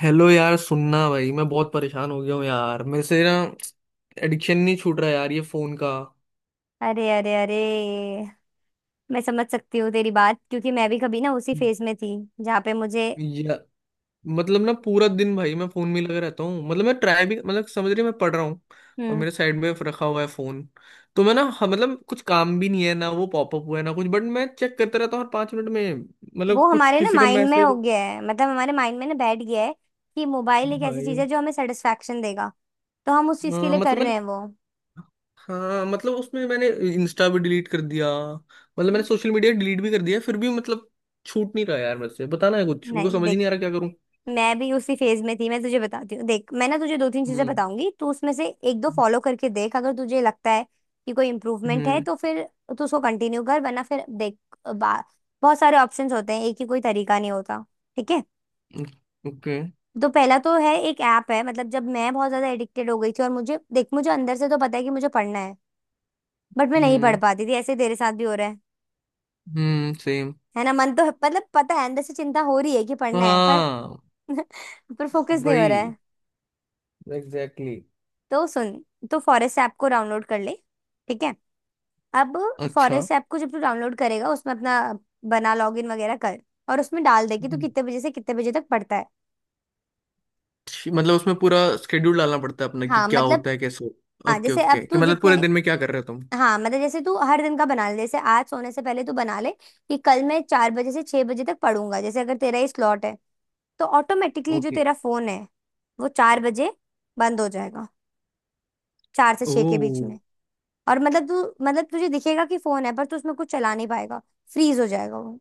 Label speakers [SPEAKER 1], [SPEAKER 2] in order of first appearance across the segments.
[SPEAKER 1] Hello यार, सुनना भाई, मैं बहुत परेशान हो गया हूँ यार। मेरे से ना एडिक्शन नहीं छूट रहा यार ये फोन का।
[SPEAKER 2] अरे अरे अरे। मैं समझ सकती हूँ तेरी बात, क्योंकि मैं भी कभी ना उसी फेज में थी जहाँ पे मुझे
[SPEAKER 1] या मतलब ना पूरा दिन भाई मैं फोन में ही लगा रहता हूँ। मतलब मैं ट्राई भी, मतलब समझ रही है, मैं पढ़ रहा हूँ और
[SPEAKER 2] हम्म
[SPEAKER 1] मेरे साइड में रखा हुआ है फोन। तो मैं ना, हाँ, मतलब कुछ काम भी नहीं है ना, वो पॉपअप हुआ है ना कुछ, बट मैं चेक करता रहता हूँ हर पांच मिनट में।
[SPEAKER 2] वो
[SPEAKER 1] मतलब कुछ
[SPEAKER 2] हमारे ना
[SPEAKER 1] किसी का
[SPEAKER 2] माइंड में हो
[SPEAKER 1] मैसेज।
[SPEAKER 2] गया है। मतलब हमारे माइंड में ना बैठ गया है कि मोबाइल एक ऐसी चीज
[SPEAKER 1] भाई।
[SPEAKER 2] है जो हमें सेटिस्फेक्शन देगा, तो हम उस चीज के
[SPEAKER 1] हाँ
[SPEAKER 2] लिए
[SPEAKER 1] मतलब
[SPEAKER 2] कर
[SPEAKER 1] मैं,
[SPEAKER 2] रहे हैं वो।
[SPEAKER 1] हाँ मतलब उसमें मैंने इंस्टा भी डिलीट कर दिया। मतलब मैंने सोशल मीडिया डिलीट भी कर दिया, फिर भी मतलब छूट नहीं रहा यार मेरे से। बताना है कुछ, मेरे को
[SPEAKER 2] नहीं
[SPEAKER 1] समझ ही
[SPEAKER 2] देख,
[SPEAKER 1] नहीं आ रहा क्या करूं।
[SPEAKER 2] मैं भी उसी फेज में थी। मैं तुझे बताती हूँ, देख मैं ना तुझे दो तीन चीजें
[SPEAKER 1] हम्म।
[SPEAKER 2] बताऊंगी, तू उसमें से एक दो फॉलो करके देख। अगर तुझे लगता है कि कोई इम्प्रूवमेंट है
[SPEAKER 1] हम्म।
[SPEAKER 2] तो फिर तू उसको कंटिन्यू कर, वरना फिर देख। बा, बहुत सारे ऑप्शंस होते हैं, एक ही कोई तरीका नहीं होता। ठीक है।
[SPEAKER 1] ओके।
[SPEAKER 2] तो पहला तो है एक ऐप है। मतलब जब मैं बहुत ज्यादा एडिक्टेड हो गई थी और मुझे देख मुझे अंदर से तो पता है कि मुझे पढ़ना है, बट मैं नहीं पढ़
[SPEAKER 1] हम्म।
[SPEAKER 2] पाती थी। ऐसे तेरे साथ भी हो रहा
[SPEAKER 1] हम्म, सेम।
[SPEAKER 2] है ना, मन तो मतलब पता है, अंदर से चिंता हो रही है कि पढ़ना है, पर
[SPEAKER 1] हाँ,
[SPEAKER 2] पर फोकस नहीं हो रहा
[SPEAKER 1] वही।
[SPEAKER 2] है।
[SPEAKER 1] Exactly exactly।
[SPEAKER 2] तो सुन, तो फॉरेस्ट ऐप को डाउनलोड कर ले। ठीक है। अब
[SPEAKER 1] अच्छा।
[SPEAKER 2] फॉरेस्ट ऐप को जब तू डाउनलोड करेगा उसमें अपना बना, लॉगिन वगैरह कर। और उसमें डाल दे कि तू
[SPEAKER 1] हम्म,
[SPEAKER 2] कितने बजे से कितने बजे तक पढ़ता है।
[SPEAKER 1] मतलब उसमें पूरा स्केड्यूल डालना पड़ता है अपना कि
[SPEAKER 2] हाँ
[SPEAKER 1] क्या
[SPEAKER 2] मतलब,
[SPEAKER 1] होता है कैसे।
[SPEAKER 2] हाँ
[SPEAKER 1] ओके
[SPEAKER 2] जैसे अब
[SPEAKER 1] ओके, कि
[SPEAKER 2] तू
[SPEAKER 1] मतलब पूरे
[SPEAKER 2] जितने
[SPEAKER 1] दिन में क्या कर रहे हो तुम।
[SPEAKER 2] हाँ मतलब जैसे तू हर दिन का बना ले, जैसे आज सोने से पहले तू बना ले कि कल मैं चार बजे से छह बजे तक पढ़ूंगा। जैसे अगर तेरा ये स्लॉट है तो ऑटोमेटिकली जो
[SPEAKER 1] ओके।
[SPEAKER 2] तेरा फोन है वो चार बजे बंद हो जाएगा, चार से
[SPEAKER 1] ओ।
[SPEAKER 2] छह के बीच में। और मतलब तू मतलब तुझे दिखेगा कि फोन है पर तू उसमें कुछ चला नहीं पाएगा, फ्रीज हो जाएगा वो।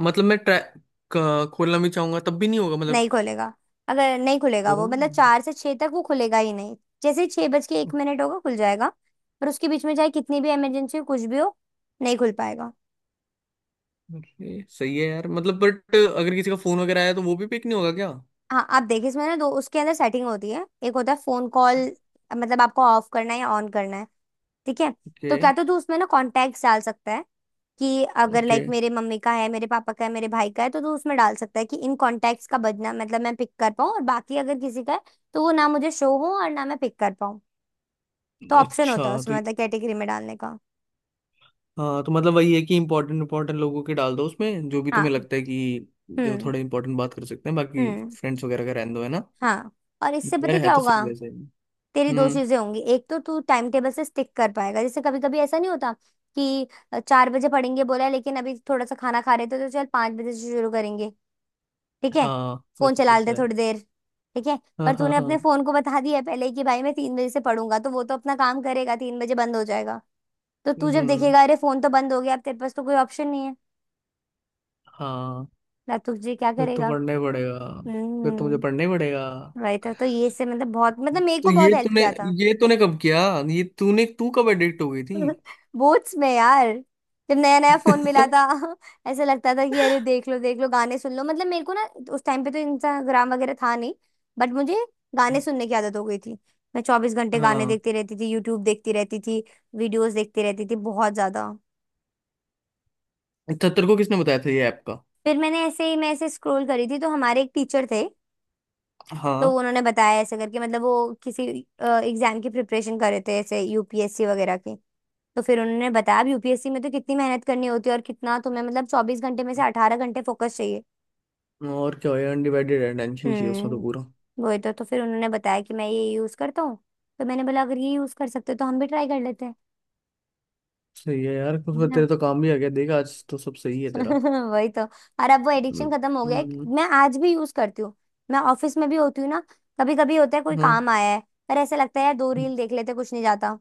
[SPEAKER 1] मतलब मैं ट्रैक खोलना भी चाहूंगा तब भी नहीं होगा
[SPEAKER 2] नहीं
[SPEAKER 1] मतलब।
[SPEAKER 2] खुलेगा, अगर नहीं खुलेगा
[SPEAKER 1] ओ।
[SPEAKER 2] वो, मतलब चार से छह तक वो खुलेगा ही नहीं। जैसे ही छह बज के एक मिनट होगा खुल जाएगा। पर उसके बीच में चाहे कितनी भी इमरजेंसी हो, कुछ भी हो, नहीं खुल पाएगा।
[SPEAKER 1] ओके सही है यार। मतलब बट अगर किसी का फोन वगैरह आया तो वो भी पिक नहीं होगा क्या।
[SPEAKER 2] हाँ आप देखिए, इसमें ना दो उसके अंदर सेटिंग होती है। एक होता है फोन कॉल, मतलब आपको ऑफ करना है या ऑन करना है। ठीक है।
[SPEAKER 1] ओके।
[SPEAKER 2] तो क्या तो तू उसमें ना कॉन्टैक्ट डाल सकता है कि अगर
[SPEAKER 1] ओके।
[SPEAKER 2] लाइक मेरे मम्मी का है, मेरे पापा का है, मेरे भाई का है तो तू उसमें डाल सकता है कि इन कॉन्टैक्ट्स का बजना, मतलब मैं पिक कर पाऊँ, और बाकी अगर किसी का है तो वो ना मुझे शो हो और ना मैं पिक कर पाऊँ। तो ऑप्शन
[SPEAKER 1] अच्छा।
[SPEAKER 2] होता है
[SPEAKER 1] तो
[SPEAKER 2] उसमें, मतलब कैटेगरी में डालने का।
[SPEAKER 1] हाँ, तो मतलब वही है कि इम्पोर्टेंट इम्पोर्टेंट लोगों के डाल दो उसमें, जो भी तुम्हें
[SPEAKER 2] हाँ।
[SPEAKER 1] लगता है कि जो
[SPEAKER 2] हम्म।
[SPEAKER 1] थोड़े इम्पोर्टेंट बात कर सकते हैं। बाकी
[SPEAKER 2] हम्म।
[SPEAKER 1] फ्रेंड्स वगैरह का रहने दो, है ना।
[SPEAKER 2] हाँ। और इससे
[SPEAKER 1] यार
[SPEAKER 2] पता है
[SPEAKER 1] है
[SPEAKER 2] क्या
[SPEAKER 1] तो सही
[SPEAKER 2] होगा,
[SPEAKER 1] वैसे ही।
[SPEAKER 2] तेरी दो
[SPEAKER 1] हम्म।
[SPEAKER 2] चीजें होंगी। एक तो तू टाइम टेबल से स्टिक कर पाएगा। जैसे कभी कभी ऐसा नहीं होता कि चार बजे पढ़ेंगे बोला है, लेकिन अभी थोड़ा सा खाना खा रहे थे तो चल पांच बजे से शुरू करेंगे, ठीक है,
[SPEAKER 1] हाँ
[SPEAKER 2] फोन
[SPEAKER 1] वैसे तो
[SPEAKER 2] चला लेते
[SPEAKER 1] होता है।
[SPEAKER 2] थोड़ी देर, ठीक है।
[SPEAKER 1] हाँ
[SPEAKER 2] पर
[SPEAKER 1] हाँ
[SPEAKER 2] तूने अपने
[SPEAKER 1] हाँ।
[SPEAKER 2] फोन को बता दिया है पहले ही कि भाई मैं तीन बजे से पढ़ूंगा, तो वो तो अपना काम करेगा, तीन बजे बंद हो जाएगा। तो तू जब
[SPEAKER 1] हम्म।
[SPEAKER 2] देखेगा, अरे फोन तो बंद हो गया, अब तेरे पास तो कोई ऑप्शन नहीं है
[SPEAKER 1] हाँ।
[SPEAKER 2] ना, तुझे क्या
[SPEAKER 1] फिर तो
[SPEAKER 2] करेगा।
[SPEAKER 1] पढ़ना ही पड़ेगा। फिर तो मुझे पढ़ना
[SPEAKER 2] हम्म।
[SPEAKER 1] ही पड़ेगा।
[SPEAKER 2] राइट। तो ये से मतलब बहुत मतलब मेरे
[SPEAKER 1] तो
[SPEAKER 2] को बहुत
[SPEAKER 1] ये
[SPEAKER 2] हेल्प
[SPEAKER 1] तूने,
[SPEAKER 2] किया था।
[SPEAKER 1] ये तूने कब किया, ये तूने तू कब एडिक्ट हो गई
[SPEAKER 2] बूट्स में यार, जब नया नया फोन मिला
[SPEAKER 1] थी।
[SPEAKER 2] था। ऐसा लगता था कि अरे देख लो गाने सुन लो, मतलब मेरे को ना उस टाइम पे तो इंस्टाग्राम वगैरह था नहीं, बट मुझे गाने सुनने की आदत हो गई थी। मैं चौबीस घंटे गाने
[SPEAKER 1] हाँ।
[SPEAKER 2] देखती रहती थी, यूट्यूब देखती रहती थी, वीडियोस देखती रहती थी, बहुत ज्यादा।
[SPEAKER 1] अच्छा तेरे को किसने बताया था ये ऐप का।
[SPEAKER 2] फिर मैंने ऐसे ही मैं ऐसे स्क्रॉल करी थी, तो हमारे एक टीचर थे, तो
[SPEAKER 1] हाँ।
[SPEAKER 2] उन्होंने बताया ऐसे करके। मतलब वो किसी एग्जाम की प्रिपरेशन कर रहे थे, ऐसे यूपीएससी वगैरह की। तो फिर उन्होंने बताया, अब यूपीएससी में तो कितनी मेहनत करनी होती है, और कितना तुम्हें मतलब चौबीस घंटे में से अठारह घंटे फोकस चाहिए।
[SPEAKER 1] और क्या हो यार, अनडिवाइडेड अटेंशन चाहिए उसमें तो पूरा।
[SPEAKER 2] हम्म, वही तो। तो फिर उन्होंने बताया कि मैं ये यूज करता हूँ। तो मैंने बोला, अगर ये यूज कर सकते हो तो हम भी ट्राई कर लेते हैं।
[SPEAKER 1] सही है यार, कुछ
[SPEAKER 2] है
[SPEAKER 1] फिर तेरे
[SPEAKER 2] ना।
[SPEAKER 1] तो काम भी आ गया देख, आज तो सब सही है तेरा।
[SPEAKER 2] वही तो। और अब वो एडिक्शन खत्म हो गया है,
[SPEAKER 1] हम्म।
[SPEAKER 2] मैं आज भी यूज करती हूँ। मैं ऑफिस में भी होती हूँ ना, कभी कभी होता है कोई
[SPEAKER 1] हाँ।
[SPEAKER 2] काम आया है, पर ऐसे लगता है यार दो रील देख लेते कुछ नहीं जाता,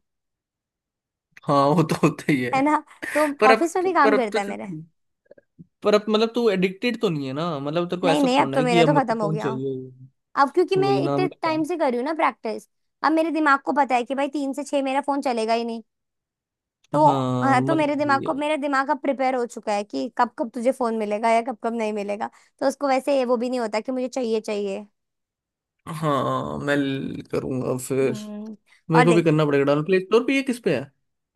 [SPEAKER 1] हाँ वो तो होता ही
[SPEAKER 2] है
[SPEAKER 1] है।
[SPEAKER 2] ना। तो
[SPEAKER 1] पर अब
[SPEAKER 2] ऑफिस में
[SPEAKER 1] तो,
[SPEAKER 2] भी काम
[SPEAKER 1] पर अब तो
[SPEAKER 2] करता है
[SPEAKER 1] चल
[SPEAKER 2] मेरे।
[SPEAKER 1] ठीक। पर अब मतलब तू एडिक्टेड तो नहीं है ना, मतलब तेरे को
[SPEAKER 2] नहीं
[SPEAKER 1] ऐसा
[SPEAKER 2] नहीं, अब
[SPEAKER 1] थोड़ा
[SPEAKER 2] तो
[SPEAKER 1] है कि
[SPEAKER 2] मेरा
[SPEAKER 1] अब
[SPEAKER 2] तो
[SPEAKER 1] मेरे को
[SPEAKER 2] खत्म हो
[SPEAKER 1] फोन
[SPEAKER 2] गया।
[SPEAKER 1] चाहिए ही।
[SPEAKER 2] अब क्योंकि मैं
[SPEAKER 1] वही नाम
[SPEAKER 2] इतने
[SPEAKER 1] लगा।
[SPEAKER 2] टाइम से कर रही हूँ ना प्रैक्टिस, अब मेरे दिमाग को पता है कि भाई तीन से छह मेरा फोन चलेगा ही नहीं। तो
[SPEAKER 1] हाँ
[SPEAKER 2] हाँ, तो मेरे
[SPEAKER 1] मतलब
[SPEAKER 2] दिमाग
[SPEAKER 1] वही
[SPEAKER 2] को
[SPEAKER 1] है।
[SPEAKER 2] मेरा दिमाग अब प्रिपेयर हो चुका है कि कब कब तुझे फोन मिलेगा या कब कब नहीं मिलेगा। तो उसको वैसे ये वो भी नहीं होता कि मुझे चाहिए चाहिए।
[SPEAKER 1] हाँ मैं ल- करूंगा फिर।
[SPEAKER 2] हम्म। और
[SPEAKER 1] मेरे को भी
[SPEAKER 2] देख,
[SPEAKER 1] करना पड़ेगा डाउन, प्ले स्टोर पे ये किस पे है।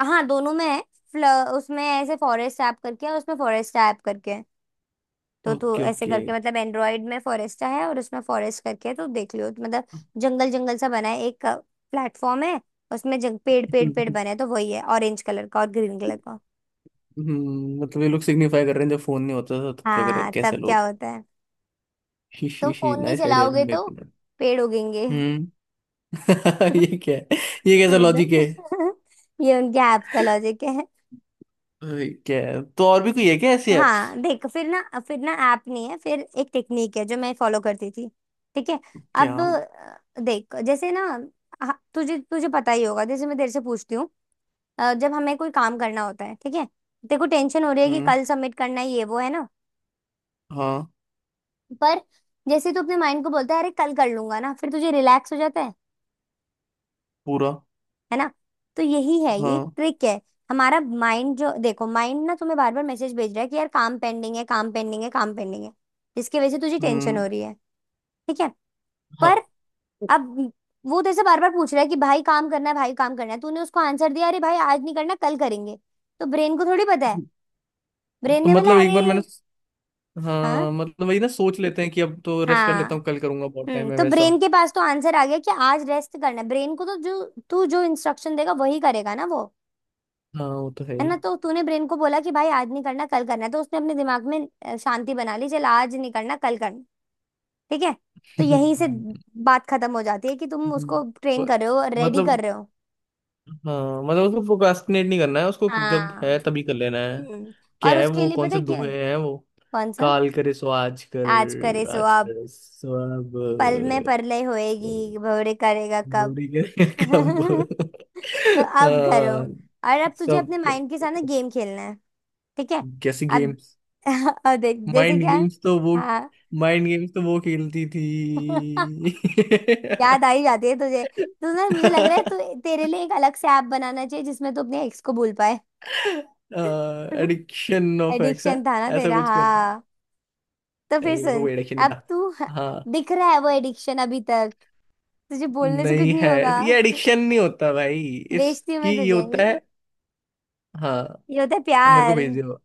[SPEAKER 2] हाँ दोनों में है। फ्ल- उसमें ऐसे फॉरेस्ट ऐप करके है और उसमें फॉरेस्ट ऐप करके है। तो तू
[SPEAKER 1] ओके
[SPEAKER 2] ऐसे
[SPEAKER 1] ओके।
[SPEAKER 2] करके, मतलब एंड्रॉयड में फॉरेस्टा है और उसमें फॉरेस्ट करके है, तो देख लियो तो मतलब जंगल जंगल सा बना है, एक प्लेटफॉर्म है। उसमें पेड़ पेड़ पेड़ बने हैं, तो वही है, ऑरेंज कलर का और ग्रीन कलर का।
[SPEAKER 1] हम्म, मतलब ये लोग सिग्निफाई कर रहे हैं जब फोन नहीं होता था तब क्या करें
[SPEAKER 2] हाँ
[SPEAKER 1] कैसे
[SPEAKER 2] तब क्या
[SPEAKER 1] लोग।
[SPEAKER 2] होता है,
[SPEAKER 1] शी
[SPEAKER 2] तुम
[SPEAKER 1] शी शी,
[SPEAKER 2] फोन नहीं
[SPEAKER 1] नाइस आइडिया टू
[SPEAKER 2] चलाओगे तो
[SPEAKER 1] मेक।
[SPEAKER 2] पेड़ उगेंगे।
[SPEAKER 1] हम्म। ये क्या है, ये कैसा लॉजिक
[SPEAKER 2] एकदम।
[SPEAKER 1] है।
[SPEAKER 2] ये उनके ऐप का लॉजिक है।
[SPEAKER 1] क्या है, तो और भी कोई है क्या ऐसी एप्स।
[SPEAKER 2] हाँ देख, फिर ना ऐप नहीं है, फिर एक टेक्निक है जो मैं फॉलो करती थी। ठीक है।
[SPEAKER 1] क्या।
[SPEAKER 2] अब देख जैसे ना, हाँ तुझे तुझे पता ही होगा, जैसे मैं तेरे से पूछती हूँ, जब हमें कोई काम करना होता है, ठीक है, तेरे को टेंशन हो रही है कि
[SPEAKER 1] हम्म।
[SPEAKER 2] कल सबमिट करना है, ये वो है ना।
[SPEAKER 1] हाँ
[SPEAKER 2] पर जैसे तू अपने माइंड को बोलता है अरे कल कर लूंगा ना, फिर तुझे रिलैक्स हो जाता है
[SPEAKER 1] पूरा।
[SPEAKER 2] है ना। तो यही है, ये एक
[SPEAKER 1] हाँ।
[SPEAKER 2] ट्रिक है। हमारा माइंड, जो देखो माइंड ना तुम्हें बार बार मैसेज भेज रहा है कि यार काम पेंडिंग है, काम पेंडिंग है, काम पेंडिंग है, जिसकी वजह से तुझे टेंशन
[SPEAKER 1] हम्म।
[SPEAKER 2] हो रही है, ठीक है। पर
[SPEAKER 1] हाँ
[SPEAKER 2] अब वो तेरे से बार बार पूछ रहा है कि भाई काम करना है, भाई काम करना है, तूने उसको आंसर दिया अरे भाई आज नहीं करना कल करेंगे। तो ब्रेन को थोड़ी पता है, ब्रेन
[SPEAKER 1] तो
[SPEAKER 2] ने
[SPEAKER 1] मतलब
[SPEAKER 2] बोला
[SPEAKER 1] एक
[SPEAKER 2] अरे
[SPEAKER 1] बार मैंने हाँ
[SPEAKER 2] हाँ
[SPEAKER 1] मतलब वही ना, सोच लेते हैं कि अब तो रेस्ट कर
[SPEAKER 2] हाँ।
[SPEAKER 1] लेता हूँ, कल करूंगा, बहुत
[SPEAKER 2] हम्म।
[SPEAKER 1] टाइम है
[SPEAKER 2] तो
[SPEAKER 1] वैसा।
[SPEAKER 2] ब्रेन के पास तो आंसर आ गया कि आज रेस्ट करना है। ब्रेन को तो जो तू जो इंस्ट्रक्शन देगा वही करेगा ना वो,
[SPEAKER 1] हाँ वो तो है
[SPEAKER 2] है
[SPEAKER 1] ही।
[SPEAKER 2] ना। तो तूने ब्रेन को बोला कि भाई आज नहीं करना, कल करना है, तो उसने अपने दिमाग में शांति बना ली, चल आज नहीं करना कल करना, ठीक है। तो
[SPEAKER 1] हम्म।
[SPEAKER 2] यहीं से बात खत्म हो जाती है, कि तुम
[SPEAKER 1] हम्म।
[SPEAKER 2] उसको ट्रेन
[SPEAKER 1] ब-
[SPEAKER 2] कर रहे हो, रेडी कर
[SPEAKER 1] मतलब,
[SPEAKER 2] रहे हो।
[SPEAKER 1] हाँ मतलब उसको प्रोक्रास्टिनेट नहीं करना है, उसको जब
[SPEAKER 2] हाँ।
[SPEAKER 1] है तभी कर लेना है।
[SPEAKER 2] हम्म।
[SPEAKER 1] क्या
[SPEAKER 2] और
[SPEAKER 1] है
[SPEAKER 2] उसके
[SPEAKER 1] वो,
[SPEAKER 2] लिए
[SPEAKER 1] कौन
[SPEAKER 2] पता
[SPEAKER 1] से
[SPEAKER 2] है क्या,
[SPEAKER 1] दोहे हैं वो।
[SPEAKER 2] कौन सा,
[SPEAKER 1] काल करे सो आज
[SPEAKER 2] आज करे
[SPEAKER 1] कर,
[SPEAKER 2] सो
[SPEAKER 1] आज
[SPEAKER 2] अब,
[SPEAKER 1] कर सो
[SPEAKER 2] पल
[SPEAKER 1] अब,
[SPEAKER 2] में परलय होएगी, भवरे करेगा कब।
[SPEAKER 1] बॉडी करे कब।
[SPEAKER 2] तो अब करो।
[SPEAKER 1] हाँ।
[SPEAKER 2] और अब तुझे
[SPEAKER 1] सब।
[SPEAKER 2] अपने माइंड के साथ ना गेम खेलना है, ठीक है।
[SPEAKER 1] कैसी
[SPEAKER 2] अब
[SPEAKER 1] गेम्स।
[SPEAKER 2] अब देख जैसे
[SPEAKER 1] माइंड
[SPEAKER 2] क्या,
[SPEAKER 1] गेम्स तो वो,
[SPEAKER 2] हाँ।
[SPEAKER 1] माइंड गेम्स तो वो खेलती थी।
[SPEAKER 2] याद आ ही जाती है तुझे। तू ना, मुझे लग रहा है तू तेरे लिए एक अलग से ऐप बनाना चाहिए जिसमें तू अपने एक्स को भूल पाए।
[SPEAKER 1] एडिक्शन ऑफ एक्स है।
[SPEAKER 2] एडिक्शन था ना
[SPEAKER 1] ऐसा
[SPEAKER 2] तेरा,
[SPEAKER 1] कुछ कर।
[SPEAKER 2] हाँ। तो फिर
[SPEAKER 1] नहीं मेरे को
[SPEAKER 2] सुन,
[SPEAKER 1] कोई एडिक्शन नहीं
[SPEAKER 2] अब तू
[SPEAKER 1] था। हाँ।
[SPEAKER 2] दिख रहा है वो एडिक्शन अभी तक, तुझे बोलने से कुछ
[SPEAKER 1] नहीं
[SPEAKER 2] नहीं
[SPEAKER 1] है।
[SPEAKER 2] होगा।
[SPEAKER 1] ये एडिक्शन नहीं होता भाई।
[SPEAKER 2] बेचती हूँ मैं
[SPEAKER 1] इसकी ये
[SPEAKER 2] तुझे
[SPEAKER 1] होता
[SPEAKER 2] ये
[SPEAKER 1] है।
[SPEAKER 2] ये
[SPEAKER 1] हाँ,
[SPEAKER 2] होता है
[SPEAKER 1] मेरे को
[SPEAKER 2] प्यार।
[SPEAKER 1] भेज दो।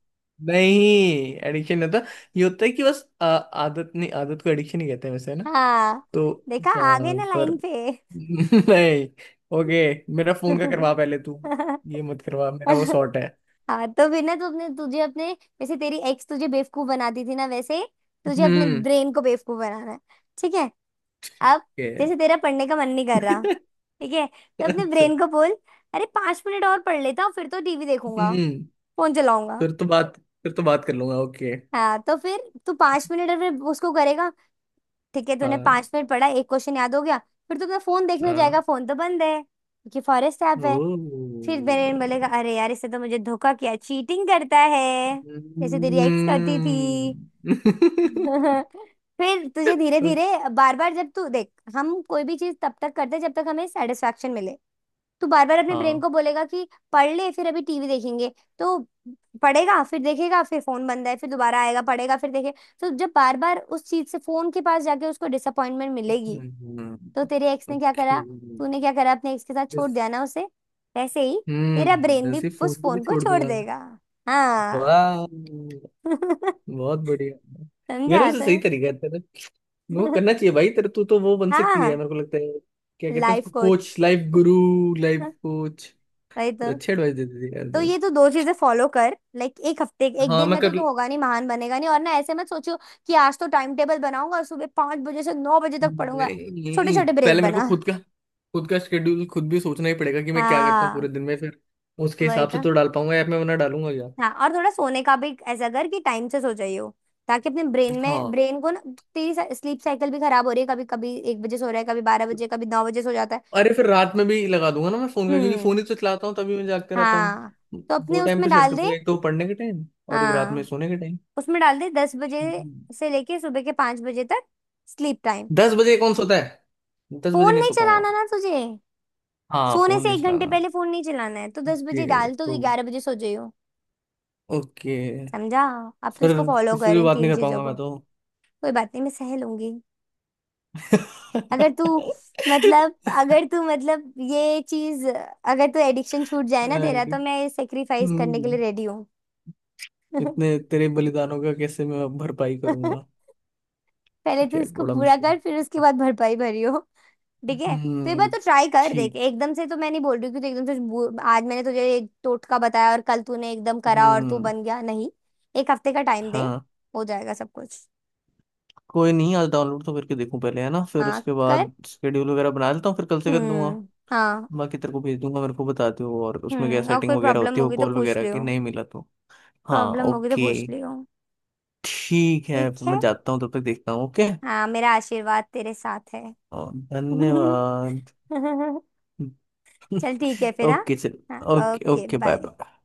[SPEAKER 1] नहीं, एडिक्शन नहीं होता। ये होता है कि बस आदत। नहीं, आदत को एडिक्शन ही कहते हैं वैसे, है ना।
[SPEAKER 2] हाँ
[SPEAKER 1] तो
[SPEAKER 2] देखा, आ गए ना
[SPEAKER 1] पर
[SPEAKER 2] लाइन पे।
[SPEAKER 1] नहीं। ओके मेरा फोन का करवा पहले तू, ये मत करवा, मेरा वो शॉर्ट है।
[SPEAKER 2] हाँ तो बिना तुमने तुझे अपने जैसे तेरी एक्स तुझे बेवकूफ बनाती थी ना, वैसे तुझे अपने
[SPEAKER 1] हम्म।
[SPEAKER 2] ब्रेन को बेवकूफ बनाना है, ठीक है। अब
[SPEAKER 1] ओके।
[SPEAKER 2] जैसे तेरा पढ़ने का मन नहीं कर रहा, ठीक है, तो अपने
[SPEAKER 1] अच्छा।
[SPEAKER 2] ब्रेन को बोल अरे पांच मिनट और पढ़ लेता हूँ, फिर तो टीवी देखूंगा,
[SPEAKER 1] हम्म।
[SPEAKER 2] फोन चलाऊंगा।
[SPEAKER 1] फिर तो बात, फिर तो बात कर लूंगा ओके।
[SPEAKER 2] हाँ, तो फिर तू पांच मिनट और फिर उसको करेगा, ठीक है, तूने
[SPEAKER 1] हाँ।
[SPEAKER 2] पांच मिनट पढ़ा, एक क्वेश्चन याद हो गया। फिर तू अपना फोन देखने जाएगा,
[SPEAKER 1] हाँ।
[SPEAKER 2] फोन तो बंद है क्योंकि फॉरेस्ट ऐप
[SPEAKER 1] ओ।
[SPEAKER 2] है। फिर बेरेन बोलेगा अरे यार इससे तो मुझे धोखा किया, चीटिंग करता है, जैसे तेरी एक्स करती
[SPEAKER 1] हम्म।
[SPEAKER 2] थी। फिर तुझे धीरे धीरे, बार बार जब तू देख, हम कोई भी चीज तब तक करते हैं जब तक हमें सेटिस्फेक्शन मिले। तू बार बार अपने ब्रेन
[SPEAKER 1] हाँ।
[SPEAKER 2] को बोलेगा कि पढ़ ले फिर अभी टीवी देखेंगे, तो पढ़ेगा फिर देखेगा, फिर फोन बंद है, फिर दोबारा आएगा, पढ़ेगा फिर देखेगा, तो जब बार बार उस चीज से फोन के पास जाके उसको डिसअपॉइंटमेंट मिलेगी,
[SPEAKER 1] हम्म।
[SPEAKER 2] तो तेरे एक्स ने क्या
[SPEAKER 1] ओके।
[SPEAKER 2] करा, तूने क्या करा अपने एक्स के साथ, छोड़
[SPEAKER 1] बस।
[SPEAKER 2] दिया ना उसे, वैसे ही तेरा
[SPEAKER 1] हम्म,
[SPEAKER 2] ब्रेन
[SPEAKER 1] वैसे
[SPEAKER 2] भी
[SPEAKER 1] फोन
[SPEAKER 2] उस
[SPEAKER 1] को भी
[SPEAKER 2] फोन को
[SPEAKER 1] छोड़
[SPEAKER 2] छोड़
[SPEAKER 1] दूंगा।
[SPEAKER 2] देगा। हाँ।
[SPEAKER 1] वाह, बहुत बढ़िया। यार
[SPEAKER 2] समझा
[SPEAKER 1] वैसे
[SPEAKER 2] तो।
[SPEAKER 1] सही तरीका है तेरा। वो करना चाहिए भाई, तेरे तू तो वो बन सकती है
[SPEAKER 2] हाँ,
[SPEAKER 1] मेरे को लगता है। क्या कहते हैं
[SPEAKER 2] लाइफ
[SPEAKER 1] उसको,
[SPEAKER 2] कोच,
[SPEAKER 1] कोच, लाइफ गुरु। Life coach.
[SPEAKER 2] वही तो।
[SPEAKER 1] अच्छे एडवाइस देती थी यार
[SPEAKER 2] तो
[SPEAKER 1] तू।
[SPEAKER 2] ये तो दो चीजें फॉलो कर, लाइक एक हफ्ते, एक
[SPEAKER 1] हाँ
[SPEAKER 2] दिन
[SPEAKER 1] मैं
[SPEAKER 2] में तो
[SPEAKER 1] कर,
[SPEAKER 2] होगा नहीं, महान बनेगा नहीं, और ना ऐसे मत सोचो कि आज तो टाइम टेबल बनाऊंगा और सुबह पांच बजे से नौ बजे तक पढ़ूंगा। छोटे
[SPEAKER 1] नहीं
[SPEAKER 2] छोटे ब्रेक
[SPEAKER 1] पहले मेरे को
[SPEAKER 2] बना।
[SPEAKER 1] खुद का, खुद का शेड्यूल खुद भी सोचना ही पड़ेगा कि मैं क्या करता हूँ
[SPEAKER 2] हाँ
[SPEAKER 1] पूरे दिन में फिर उसके
[SPEAKER 2] वही
[SPEAKER 1] हिसाब से
[SPEAKER 2] तो।
[SPEAKER 1] तो डाल पाऊंगा ऐप में, वरना डालूंगा क्या।
[SPEAKER 2] हाँ, और थोड़ा सोने का भी ऐसा कर कि टाइम से सो जाइयो, ताकि अपने ब्रेन में
[SPEAKER 1] हाँ।
[SPEAKER 2] ब्रेन को ना, तेरी स्लीप साइकिल भी खराब हो रही है, कभी कभी एक बजे सो रहा है, कभी बारह बजे, कभी नौ बजे सो जाता है।
[SPEAKER 1] अरे फिर रात में भी लगा दूंगा ना मैं फोन का, क्योंकि फोन
[SPEAKER 2] हम्म।
[SPEAKER 1] ही तो चलाता हूँ तभी मैं जागते रहता हूँ।
[SPEAKER 2] हाँ, तो
[SPEAKER 1] दो
[SPEAKER 2] अपने
[SPEAKER 1] टाइम
[SPEAKER 2] उसमें
[SPEAKER 1] पे सेट
[SPEAKER 2] डाल
[SPEAKER 1] कर
[SPEAKER 2] दे।
[SPEAKER 1] दूंगा, एक तो पढ़ने के टाइम और एक रात में
[SPEAKER 2] हाँ
[SPEAKER 1] सोने के टाइम।
[SPEAKER 2] उसमें डाल दे दस बजे से लेके सुबह के पांच बजे तक, स्लीप टाइम।
[SPEAKER 1] दस बजे कौन सोता है, दस बजे
[SPEAKER 2] फोन
[SPEAKER 1] नहीं
[SPEAKER 2] नहीं
[SPEAKER 1] सो पाऊंगा।
[SPEAKER 2] चलाना ना तुझे,
[SPEAKER 1] हाँ
[SPEAKER 2] सोने
[SPEAKER 1] फोन
[SPEAKER 2] से
[SPEAKER 1] नहीं
[SPEAKER 2] एक घंटे
[SPEAKER 1] चलाना।
[SPEAKER 2] पहले फोन नहीं चलाना है, तो दस बजे
[SPEAKER 1] ओके
[SPEAKER 2] डाल तो
[SPEAKER 1] तो,
[SPEAKER 2] ग्यारह बजे सो जाइयो।
[SPEAKER 1] ओके।
[SPEAKER 2] समझा। अब तो
[SPEAKER 1] फिर
[SPEAKER 2] इसको फॉलो
[SPEAKER 1] किसी से
[SPEAKER 2] कर,
[SPEAKER 1] भी
[SPEAKER 2] इन
[SPEAKER 1] बात नहीं
[SPEAKER 2] तीन
[SPEAKER 1] कर
[SPEAKER 2] चीजों
[SPEAKER 1] पाऊंगा
[SPEAKER 2] को।
[SPEAKER 1] मैं।
[SPEAKER 2] कोई बात नहीं, मैं सह लूंगी अगर तू, मतलब अगर तू मतलब ये चीज अगर तू एडिक्शन छूट जाए ना तेरा,
[SPEAKER 1] तो
[SPEAKER 2] तो मैं सेक्रीफाइस करने के
[SPEAKER 1] हम्म,
[SPEAKER 2] लिए रेडी हूँ।
[SPEAKER 1] इतने तेरे बलिदानों का कैसे मैं भरपाई करूंगा।
[SPEAKER 2] पहले तो
[SPEAKER 1] ये
[SPEAKER 2] इसको
[SPEAKER 1] बड़ा
[SPEAKER 2] पूरा
[SPEAKER 1] मुश्किल
[SPEAKER 2] कर, फिर उसके
[SPEAKER 1] है।
[SPEAKER 2] बाद भरपाई भरियो। ठीक है। तो एक बार
[SPEAKER 1] हम्म।
[SPEAKER 2] तो ट्राई कर देख,
[SPEAKER 1] ठीक।
[SPEAKER 2] एकदम से तो मैं नहीं बोल रही हूँ कि तू एकदम से आज मैंने तुझे एक टोटका बताया और कल तूने एकदम करा और तू
[SPEAKER 1] हम्म।
[SPEAKER 2] बन गया, नहीं। एक हफ्ते का टाइम दे,
[SPEAKER 1] हाँ।
[SPEAKER 2] हो जाएगा सब कुछ।
[SPEAKER 1] कोई नहीं, आज डाउनलोड तो करके देखूं पहले, है ना, फिर
[SPEAKER 2] हाँ
[SPEAKER 1] उसके
[SPEAKER 2] कर।
[SPEAKER 1] बाद शेड्यूल वगैरह बना लेता हूँ, फिर कल से कर लूंगा।
[SPEAKER 2] हम्म। हाँ।
[SPEAKER 1] बाकी तेरे को भेज दूंगा, मेरे को बता दियो और उसमें क्या
[SPEAKER 2] हम्म, और
[SPEAKER 1] सेटिंग
[SPEAKER 2] कोई
[SPEAKER 1] वगैरह
[SPEAKER 2] प्रॉब्लम
[SPEAKER 1] होती है, वो
[SPEAKER 2] होगी तो
[SPEAKER 1] कॉल
[SPEAKER 2] पूछ
[SPEAKER 1] वगैरह की
[SPEAKER 2] लियो,
[SPEAKER 1] नहीं मिला तो। हाँ
[SPEAKER 2] प्रॉब्लम होगी तो
[SPEAKER 1] ओके।
[SPEAKER 2] पूछ लियो।
[SPEAKER 1] ठीक है,
[SPEAKER 2] ठीक
[SPEAKER 1] फिर
[SPEAKER 2] है,
[SPEAKER 1] मैं जाता हूँ, तब तक देखता हूँ ओके।
[SPEAKER 2] हाँ मेरा आशीर्वाद तेरे साथ है।
[SPEAKER 1] और धन्यवाद।
[SPEAKER 2] चल ठीक है फिर, हाँ
[SPEAKER 1] ओके चल।
[SPEAKER 2] हाँ,
[SPEAKER 1] okay
[SPEAKER 2] okay
[SPEAKER 1] okay bye
[SPEAKER 2] bye.
[SPEAKER 1] Bye.